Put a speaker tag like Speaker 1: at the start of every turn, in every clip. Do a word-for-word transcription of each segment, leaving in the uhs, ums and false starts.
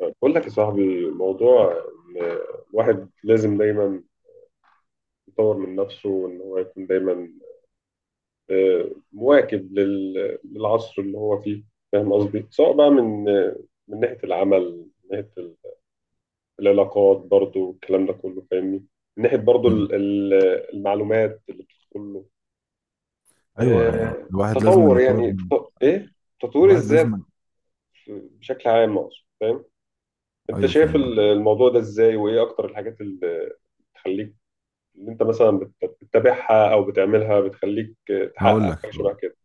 Speaker 1: بقول لك يا صاحبي موضوع إن الواحد لازم دايما يطور من نفسه، وان هو يكون دايما، آه، مواكب لل- للعصر اللي هو فيه. فاهم قصدي؟ سواء بقى من آه، من ناحية العمل، من ناحية ال- العلاقات، برضو الكلام ده كله، فاهمني؟ من ناحية برضو
Speaker 2: مم.
Speaker 1: ال- ال- المعلومات اللي بتدخل له،
Speaker 2: ايوه
Speaker 1: آه،
Speaker 2: الواحد لازم
Speaker 1: تطور
Speaker 2: يطور
Speaker 1: يعني، ت-
Speaker 2: من
Speaker 1: ايه، تطوير
Speaker 2: الواحد
Speaker 1: الذات
Speaker 2: لازم
Speaker 1: بشكل عام اقصد. فاهم؟ انت
Speaker 2: ايوه
Speaker 1: شايف
Speaker 2: فاهم
Speaker 1: ال-
Speaker 2: قصدك.
Speaker 1: الموضوع ده ازاي؟ وايه اكتر الحاجات اللي تخليك اللي انت مثلا بت- بتتابعها او بتعملها بتخليك
Speaker 2: هقول
Speaker 1: تحقق
Speaker 2: لك
Speaker 1: حاجه
Speaker 2: هقول
Speaker 1: شبه كده؟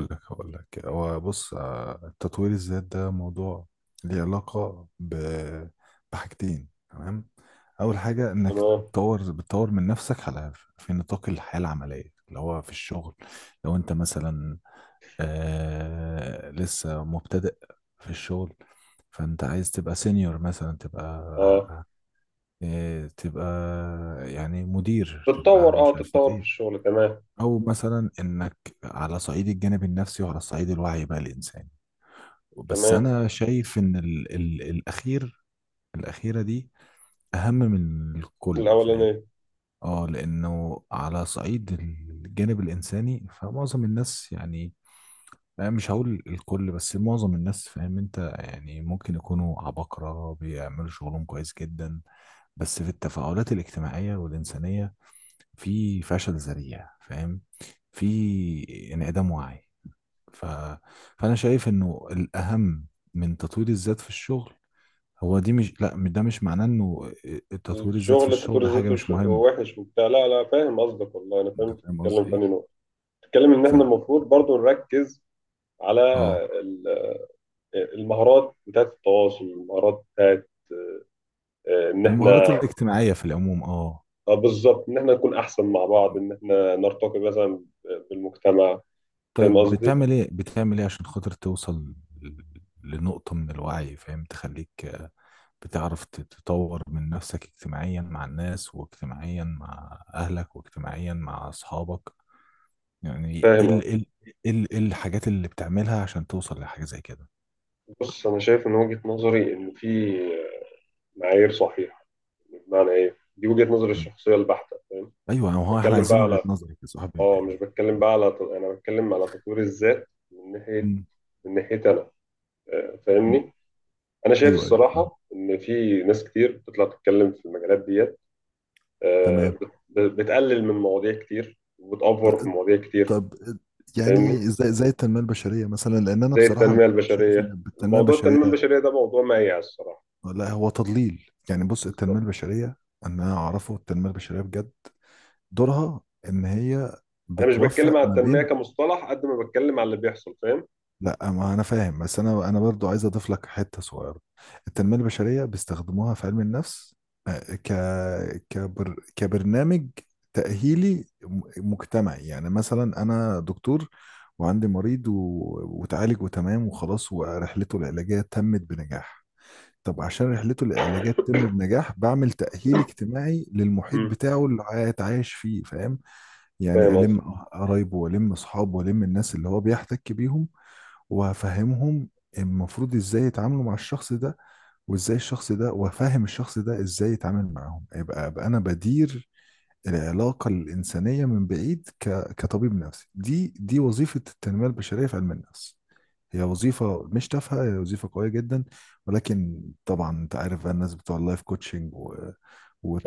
Speaker 2: لك هقول لك هو بص، آه، تطوير الذات ده موضوع ليه علاقة ب... بحاجتين. تمام، اول حاجة انك
Speaker 1: تمام.
Speaker 2: تطور بتطور من نفسك على في نطاق الحياة العملية اللي هو في الشغل. لو انت مثلا آه لسه مبتدئ في الشغل، فانت عايز تبقى سينيور مثلا،
Speaker 1: اه
Speaker 2: تبقى إيه، تبقى يعني مدير، تبقى
Speaker 1: تتطور اه
Speaker 2: مش عارفة
Speaker 1: تتطور في
Speaker 2: ايه.
Speaker 1: الشغل. تمام.
Speaker 2: او مثلا انك على صعيد الجانب النفسي وعلى صعيد الوعي بقى الانساني. بس
Speaker 1: تمام.
Speaker 2: انا شايف ان ال ال الاخير الاخيرة دي اهم من الكل، فاهم؟
Speaker 1: الاولانيه.
Speaker 2: اه، لانه على صعيد الجانب الانساني، فمعظم الناس يعني أنا مش هقول الكل بس معظم الناس، فاهم انت يعني؟ ممكن يكونوا عباقرة بيعملوا شغلهم كويس جدا، بس في التفاعلات الاجتماعية والإنسانية في فشل ذريع، فاهم؟ في انعدام وعي. ف... فانا شايف انه الاهم من تطوير الذات في الشغل هو دي. مش لا، ده مش معناه انه آه، آه، تطوير الذات في
Speaker 1: الشغل انت
Speaker 2: الشغل
Speaker 1: بتقول
Speaker 2: حاجه
Speaker 1: ذاته
Speaker 2: مش
Speaker 1: ش-
Speaker 2: مهم.
Speaker 1: وحش وبتاع؟ لا، لا، فاهم قصدك. والله انا فاهم،
Speaker 2: انت
Speaker 1: انت
Speaker 2: فاهم
Speaker 1: بتتكلم
Speaker 2: قصدي
Speaker 1: في
Speaker 2: ايه؟
Speaker 1: أنهي نقطه. بتتكلم ان
Speaker 2: ف
Speaker 1: احنا المفروض برضو نركز على
Speaker 2: اه،
Speaker 1: ال- المهارات بتاعت التواصل، المهارات بتاعت، آه، ان احنا،
Speaker 2: المهارات الاجتماعيه في العموم، اه.
Speaker 1: آه، بالظبط، ان احنا نكون احسن مع بعض، ان احنا نرتقي مثلا بالمجتمع. فاهم
Speaker 2: طيب
Speaker 1: قصدي؟
Speaker 2: بتعمل ايه، بتعمل ايه عشان خاطر توصل لنقطه من الوعي، فاهم؟ تخليك بتعرف ت- تطور من نفسك اجتماعيا مع الناس، واجتماعيا مع أهلك، واجتماعيا مع أصحابك. يعني ايه
Speaker 1: فاهم.
Speaker 2: ال- ال- ال- ايه ال- إيه الحاجات اللي بتعملها عشان توصل لحاجة زي كده؟
Speaker 1: بص، انا شايف من وجهة نظري ان في معايير صحيحة. بمعنى ايه؟ دي وجهة نظري
Speaker 2: مم.
Speaker 1: الشخصية البحتة، فاهم؟
Speaker 2: ايوه، هو احنا
Speaker 1: بتكلم بقى
Speaker 2: عايزين وجهة
Speaker 1: على،
Speaker 2: نظرك يا صاحبي
Speaker 1: اه مش
Speaker 2: يعني.
Speaker 1: بتكلم بقى على، ت- انا بتكلم على تطوير الذات من ناحية
Speaker 2: مم.
Speaker 1: من ناحية انا، آه،
Speaker 2: مم.
Speaker 1: فاهمني؟ انا شايف
Speaker 2: ايوه ايوه فاهم.
Speaker 1: الصراحة ان في ناس كتير بتطلع تتكلم في المجالات ديت، آه،
Speaker 2: تمام.
Speaker 1: بت- ب- بتقلل من مواضيع كتير، وبتأفور في
Speaker 2: لا،
Speaker 1: مواضيع كتير،
Speaker 2: طب
Speaker 1: فاهمني؟
Speaker 2: يعني زي زي التنميه البشريه مثلا، لان انا
Speaker 1: زي
Speaker 2: بصراحه
Speaker 1: التنمية
Speaker 2: ببقى شايف
Speaker 1: البشرية.
Speaker 2: ان التنميه
Speaker 1: موضوع
Speaker 2: البشريه
Speaker 1: التنمية البشرية ده موضوع مايع الصراحة.
Speaker 2: لا هو تضليل يعني. بص التنميه
Speaker 1: بالظبط.
Speaker 2: البشريه انا اعرفه، التنميه البشريه بجد دورها ان هي
Speaker 1: انا مش بتكلم
Speaker 2: بتوفق
Speaker 1: على
Speaker 2: ما
Speaker 1: التنميه
Speaker 2: بين...
Speaker 1: كمصطلح قد ما بتكلم على اللي بيحصل، فاهم؟
Speaker 2: لا ما انا فاهم، بس انا انا برضو عايز اضيف لك حته صغيره. التنميه البشريه بيستخدموها في علم النفس، آه، ك كبر كبرنامج تاهيلي م- مجتمعي. يعني مثلا انا دكتور وعندي مريض و... وتعالج وتمام وخلاص ورحلته العلاجيه تمت بنجاح. طب عشان رحلته العلاجيه تتم بنجاح، بعمل تأهيل اجتماعي للمحيط
Speaker 1: امم
Speaker 2: بتاعه اللي هيتعايش فيه، فاهم؟ يعني
Speaker 1: فاهم قصدي.
Speaker 2: ألم قرايبه، وألم أصحابه، وألم الناس اللي هو بيحتك بيهم، وأفهمهم المفروض إزاي يتعاملوا مع الشخص ده، وإزاي الشخص ده، وأفهم الشخف ده إزاي يتعامل معاهم. يبقى أبقى أنا بدير العلاقة الإنسانية من بعيد ك... كطبيب نفسي. دي دي وظيفة التنمية البشرية في علم النفس. هي وظيفة مش تافهة، هي وظيفة قوية جدا. ولكن طبعا انت عارف بقى الناس بتوع اللايف كوتشنج و...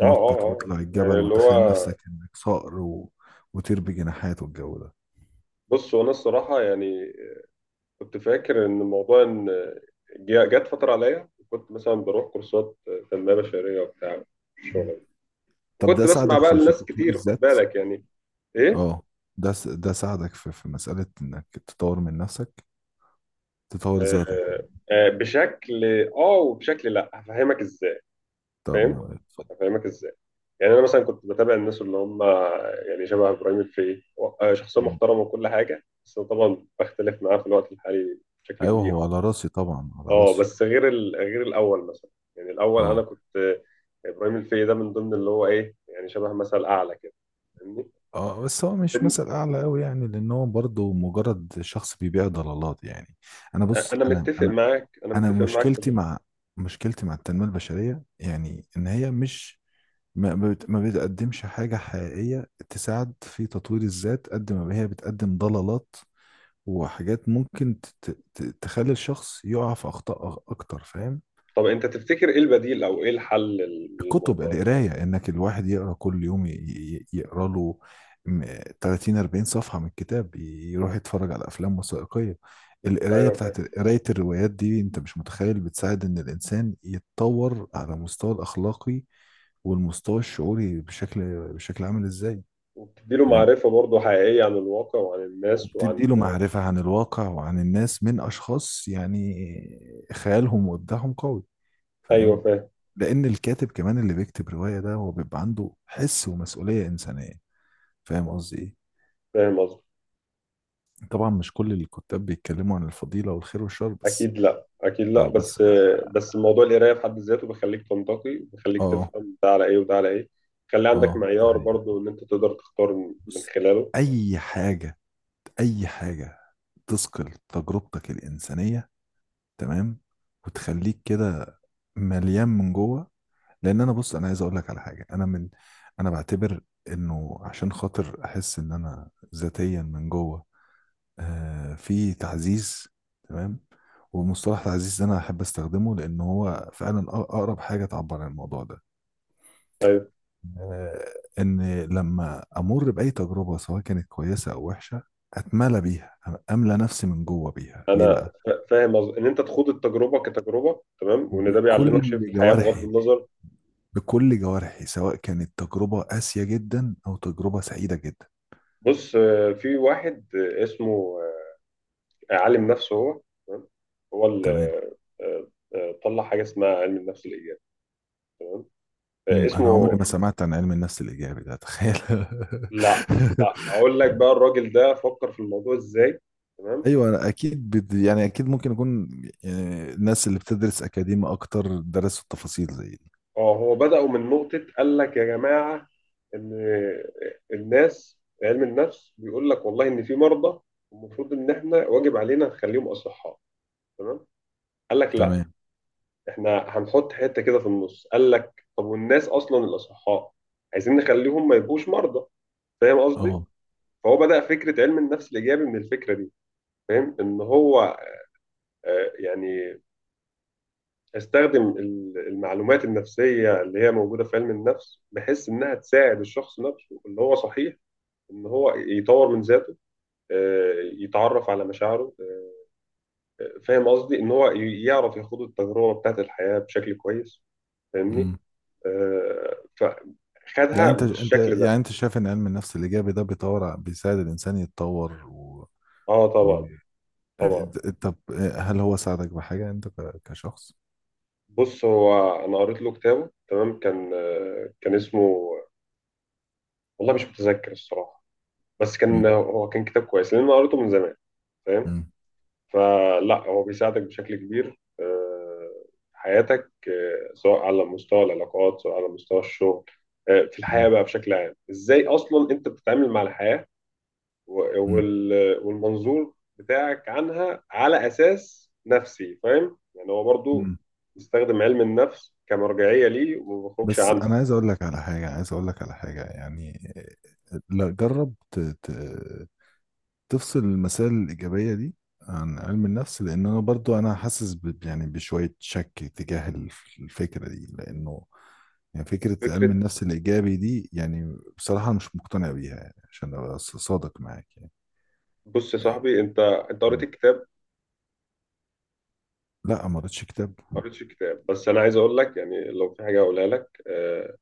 Speaker 1: اه، اه، اه،
Speaker 2: وتطلع
Speaker 1: يعني
Speaker 2: الجبل
Speaker 1: اللي هو،
Speaker 2: وتخيل نفسك انك صقر و... وطير بجناحات والجو ده.
Speaker 1: بص، هو انا الصراحه يعني كنت فاكر ان موضوع ان، جا- جت فتره عليا كنت مثلا بروح كورسات تنميه بشريه وبتاع الشغل
Speaker 2: مم.
Speaker 1: ده.
Speaker 2: طب ده
Speaker 1: وكنت بسمع
Speaker 2: ساعدك
Speaker 1: بقى
Speaker 2: في في
Speaker 1: لناس
Speaker 2: تطوير
Speaker 1: كتير، خد
Speaker 2: الذات؟
Speaker 1: بالك يعني، ايه،
Speaker 2: اه، ده س... ده ساعدك في في مسألة انك تطور من نفسك، تطور ذاتك
Speaker 1: آه
Speaker 2: يعني.
Speaker 1: آه بشكل اه وبشكل، لا هفهمك ازاي.
Speaker 2: طب
Speaker 1: فاهم؟
Speaker 2: م- اتفضل.
Speaker 1: هفهمك ازاي. يعني انا مثلا كنت بتابع الناس اللي هم يعني شبه ابراهيم الفقي، هو- شخصيه
Speaker 2: مم.
Speaker 1: محترمه وكل حاجه، بس طبعا بختلف معاه في الوقت الحالي بشكل
Speaker 2: ايوه،
Speaker 1: كبير.
Speaker 2: هو على راسي طبعا، على
Speaker 1: اه،
Speaker 2: راسي.
Speaker 1: بس غير ال... غير الاول مثلا. يعني الاول انا
Speaker 2: اه
Speaker 1: كنت، آه، ابراهيم الفقي ده من ضمن اللي هو ايه، يعني شبه مثل اعلى كده، فاهمني؟
Speaker 2: اه، بس هو مش
Speaker 1: بن-
Speaker 2: مثل اعلى قوي يعني، لان هو برضه مجرد شخص بيبيع ضلالات يعني. انا بص
Speaker 1: انا
Speaker 2: انا
Speaker 1: متفق
Speaker 2: انا
Speaker 1: معاك، انا
Speaker 2: انا
Speaker 1: متفق معاك في
Speaker 2: مشكلتي
Speaker 1: ده.
Speaker 2: مع مشكلتي مع التنميه البشريه يعني، ان هي مش ما ما بت- ما بتقدمش حاجه حقيقيه تساعد في تطوير الذات قد ما هي بتقدم ضلالات وحاجات ممكن ت- ت- ت- تخلي الشخص يقع في اخطاء أ- اكتر، فاهم؟
Speaker 1: طب انت تفتكر ايه البديل، او ايه الحل لل-
Speaker 2: الكتب،
Speaker 1: للموضوع ده؟
Speaker 2: القراية، انك الواحد يقرا كل يوم ي- ي- يقرا له م- تلاتين اربعين صفحة من كتاب، ي- يروح يتفرج على افلام وثائقية. القراية
Speaker 1: ايوه فاهم،
Speaker 2: بتاعت قراية الروايات دي انت مش متخيل بتساعد ان الانسان يتطور على مستوى الاخلاقي والمستوى الشعوري بشكل بشكل عامل ازاي.
Speaker 1: وبتديله
Speaker 2: فاهم؟
Speaker 1: معرفه برضه حقيقيه عن الواقع وعن الناس
Speaker 2: وبتدي
Speaker 1: وعن.
Speaker 2: له معرفة عن الواقع وعن الناس من اشخاص يعني خيالهم وابداعهم قوي، فاهم؟
Speaker 1: ايوه فاهم،
Speaker 2: لان الكاتب كمان اللي بيكتب روايه ده هو بيبقى عنده حس ومسؤوليه انسانيه. فاهم قصدي ايه؟
Speaker 1: فاهم قصدي.
Speaker 2: طبعا مش كل الكتاب بيتكلموا عن الفضيله والخير والشر بس.
Speaker 1: اكيد لا، اكيد لا،
Speaker 2: اه بس
Speaker 1: بس
Speaker 2: اه،
Speaker 1: بس موضوع القرايه في حد ذاته بيخليك تنتقي، بيخليك
Speaker 2: اه،
Speaker 1: تفهم ده على ايه وده على ايه. خلي عندك
Speaker 2: آه، ده
Speaker 1: معيار
Speaker 2: حقيقي.
Speaker 1: برضو ان انت تقدر تختار من من
Speaker 2: بص،
Speaker 1: خلاله.
Speaker 2: اي حاجه، اي حاجه تثقل تجربتك الانسانيه، تمام، وتخليك كده مليان من جوه. لان انا بص انا عايز اقول لك على حاجه. انا من انا بعتبر انه عشان خاطر احس ان انا ذاتيا من جوه آه، في تعزيز، تمام. ومصطلح تعزيز ده انا احب استخدمه لان هو فعلا أق- اقرب حاجه تعبر عن الموضوع ده.
Speaker 1: طيب.
Speaker 2: آه، ان لما امر باي تجربه سواء كانت كويسه او وحشه، اتملى بيها، املى نفسي من جوه بيها. ليه
Speaker 1: انا
Speaker 2: بقى؟
Speaker 1: فا- فاهم، أز... ان انت تخوض التجربه كتجربه، تمام، وان ده
Speaker 2: بكل
Speaker 1: بيعلمك شيء
Speaker 2: مم.
Speaker 1: في الحياه بغض
Speaker 2: جوارحي،
Speaker 1: النظر.
Speaker 2: بكل جوارحي، سواء كانت تجربه قاسيه جدا او تجربه سعيده جدا.
Speaker 1: بص، آه، في واحد، آه، اسمه، آه، عالم نفسه هو، تمام، هو اللي،
Speaker 2: تمام.
Speaker 1: آه، آه، طلع حاجه اسمها علم النفس الايجابي. آه،
Speaker 2: أمم، انا عمري
Speaker 1: اسمه،
Speaker 2: ما مم. سمعت عن علم النفس الايجابي ده، تخيل.
Speaker 1: لا. لا اقول لك بقى الراجل ده فكر في الموضوع ازاي. تمام.
Speaker 2: ايوه، أنا اكيد بد... يعني اكيد ممكن يكون يعني الناس اللي بتدرس اكاديمي اكتر درسوا التفاصيل زي دي.
Speaker 1: اه، هو بدأوا من نقطة قال لك يا جماعة، إن الناس علم النفس بيقول لك والله إن في مرضى المفروض إن إحنا واجب علينا نخليهم أصحاء، تمام؟ قال لك لا،
Speaker 2: تمام.
Speaker 1: إحنا هنحط حتة كده في النص. قال لك طب والناس أصلا الأصحاء عايزين نخليهم ما يبقوش مرضى. فاهم قصدي؟
Speaker 2: اه،
Speaker 1: فهو بدأ فكرة علم النفس الإيجابي من الفكرة دي. فاهم؟ إن هو، آه، يعني، استخدم ال- المعلومات النفسيه اللي هي موجوده في علم النفس بحيث انها تساعد الشخص نفسه اللي هو صحيح ان هو يطور من ذاته، آه، يتعرف على مشاعره، آه، فاهم قصدي ان هو ي- يعرف يخوض التجربه بتاعت الحياه بشكل كويس، فاهمني؟
Speaker 2: امم.
Speaker 1: آه،
Speaker 2: يعني
Speaker 1: فخدها
Speaker 2: انت، انت
Speaker 1: بالشكل ده.
Speaker 2: يعني انت شايف ان علم النفس الايجابي ده بيطور ع- بيساعد الانسان يتطور و...
Speaker 1: اه
Speaker 2: و...
Speaker 1: طبعا، طبعا.
Speaker 2: طب هل هو ساعدك بحاجه انت ك... كشخص؟
Speaker 1: بص، هو انا قريت له كتابه، تمام، كان آه، كان اسمه، والله مش متذكر الصراحه، بس
Speaker 2: امم.
Speaker 1: كان هو كان كتاب كويس لان انا قريته من زمان، فاهم؟
Speaker 2: امم.
Speaker 1: فلا، هو بيساعدك بشكل كبير، آه، في حياتك، آه، سواء على مستوى العلاقات، سواء على مستوى الشغل، آه، في الحياة
Speaker 2: امم.
Speaker 1: بقى بشكل عام، ازاي اصلا انت بتتعامل مع الحياة، و-
Speaker 2: امم.
Speaker 1: وال- والمنظور بتاعك عنها على اساس نفسي، فاهم؟ يعني هو برضو
Speaker 2: أمم.
Speaker 1: بيستخدم علم النفس كمرجعية ليه، وما بيخرجش
Speaker 2: بس
Speaker 1: عنها.
Speaker 2: انا عايز اقول لك على حاجه، عايز اقول لك على حاجه يعني. لا، جرب تفصل المسائل الإيجابية دي عن علم النفس، لأن أنا برضو أنا حاسس ب- يعني بشوية شك تجاه الف- الفكرة دي، لأنه يعني فكرة علم
Speaker 1: فكرة.
Speaker 2: النفس الإيجابي دي يعني بصراحة أنا مش مقتنع بيها يعني، عشان أبقى ص- صادق معاك يعني.
Speaker 1: بص يا
Speaker 2: إيه،
Speaker 1: صاحبي، انت انت قريت الكتاب.
Speaker 2: لا ما قريتش كتاب.
Speaker 1: ما قريتش الكتاب، بس انا عايز اقول لك يعني لو في حاجة اقولها لك، آه،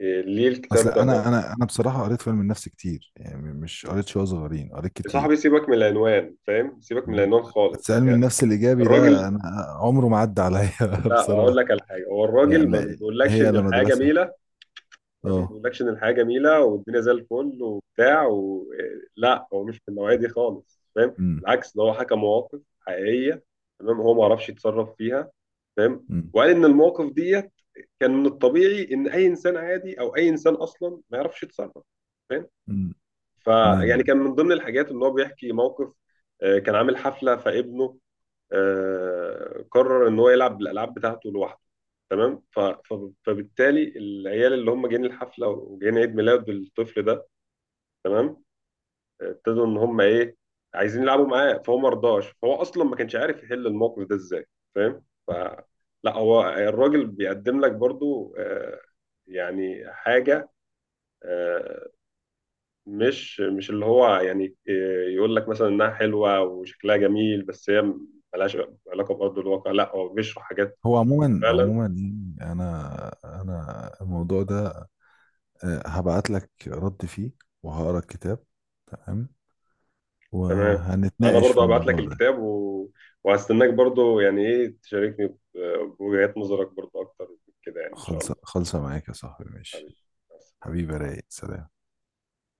Speaker 1: آه، ليه
Speaker 2: أصل
Speaker 1: الكتاب ده.
Speaker 2: أنا أنا أنا بصراحة قريت في علم النفس كتير يعني، مش قريت شوية صغيرين، قريت
Speaker 1: يا صاحبي
Speaker 2: كتير.
Speaker 1: سيبك من العنوان، فاهم؟ سيبك من
Speaker 2: تمام.
Speaker 1: العنوان
Speaker 2: بس
Speaker 1: خالص
Speaker 2: علم
Speaker 1: يعني.
Speaker 2: النفس الإيجابي ده
Speaker 1: الراجل،
Speaker 2: أنا عمره ما عدى عليا
Speaker 1: لا اقول
Speaker 2: بصراحة.
Speaker 1: لك على حاجه، هو الراجل ما
Speaker 2: يعني
Speaker 1: بيقولكش
Speaker 2: هي
Speaker 1: ان
Speaker 2: لا
Speaker 1: الحياه
Speaker 2: مدرسة.
Speaker 1: جميله. الراجل ما
Speaker 2: أه.
Speaker 1: بيقولكش ان الحياه جميله والدنيا زي الفل وبتاع و... لا، هو مش من النوعيه دي خالص، فاهم؟
Speaker 2: أمم.
Speaker 1: بالعكس ده هو حكى مواقف حقيقيه، تمام، هو ما عرفش يتصرف فيها، فاهم؟
Speaker 2: إمم.
Speaker 1: وقال ان المواقف دي كان من الطبيعي ان اي انسان عادي او اي انسان اصلا ما يعرفش يتصرف، فاهم؟
Speaker 2: مم.
Speaker 1: فيعني
Speaker 2: تمام.
Speaker 1: كان من ضمن الحاجات ان هو بيحكي موقف، آه، كان عامل حفله فابنه، آه، قرر ان هو يلعب الالعاب بتاعته لوحده، تمام، ف- ف- فبالتالي العيال اللي هم جايين الحفله وجايين عيد ميلاد الطفل ده، تمام، آه، ابتدوا ان هم ايه، عايزين يلعبوا معاه، فهو ما رضاش، فهو اصلا ما كانش عارف يحل الموقف ده ازاي، فاهم؟ ف، لا هو الراجل بيقدم لك برضو، آه، يعني حاجه، آه، مش مش اللي هو يعني آه، يقول لك مثلا انها حلوه وشكلها جميل، بس هي ملهاش علاقه بارض الواقع، لا هو بيشرح حاجات
Speaker 2: هو عموما،
Speaker 1: فعلا.
Speaker 2: عموما يعني انا انا الموضوع ده آه، هبعت لك رد فيه وهقرا الكتاب، تمام،
Speaker 1: تمام. انا
Speaker 2: وهنتناقش في
Speaker 1: برضو هبعت لك
Speaker 2: الموضوع ده.
Speaker 1: الكتاب و... وهستناك برضو يعني، ايه، تشاركني ب- بوجهات نظرك برضو اكتر كده يعني، ان شاء
Speaker 2: خلصة،
Speaker 1: الله.
Speaker 2: خلصة معاك يا صاحبي، ماشي.
Speaker 1: حبيبي، بس.
Speaker 2: حبيبي، رايق، سلام.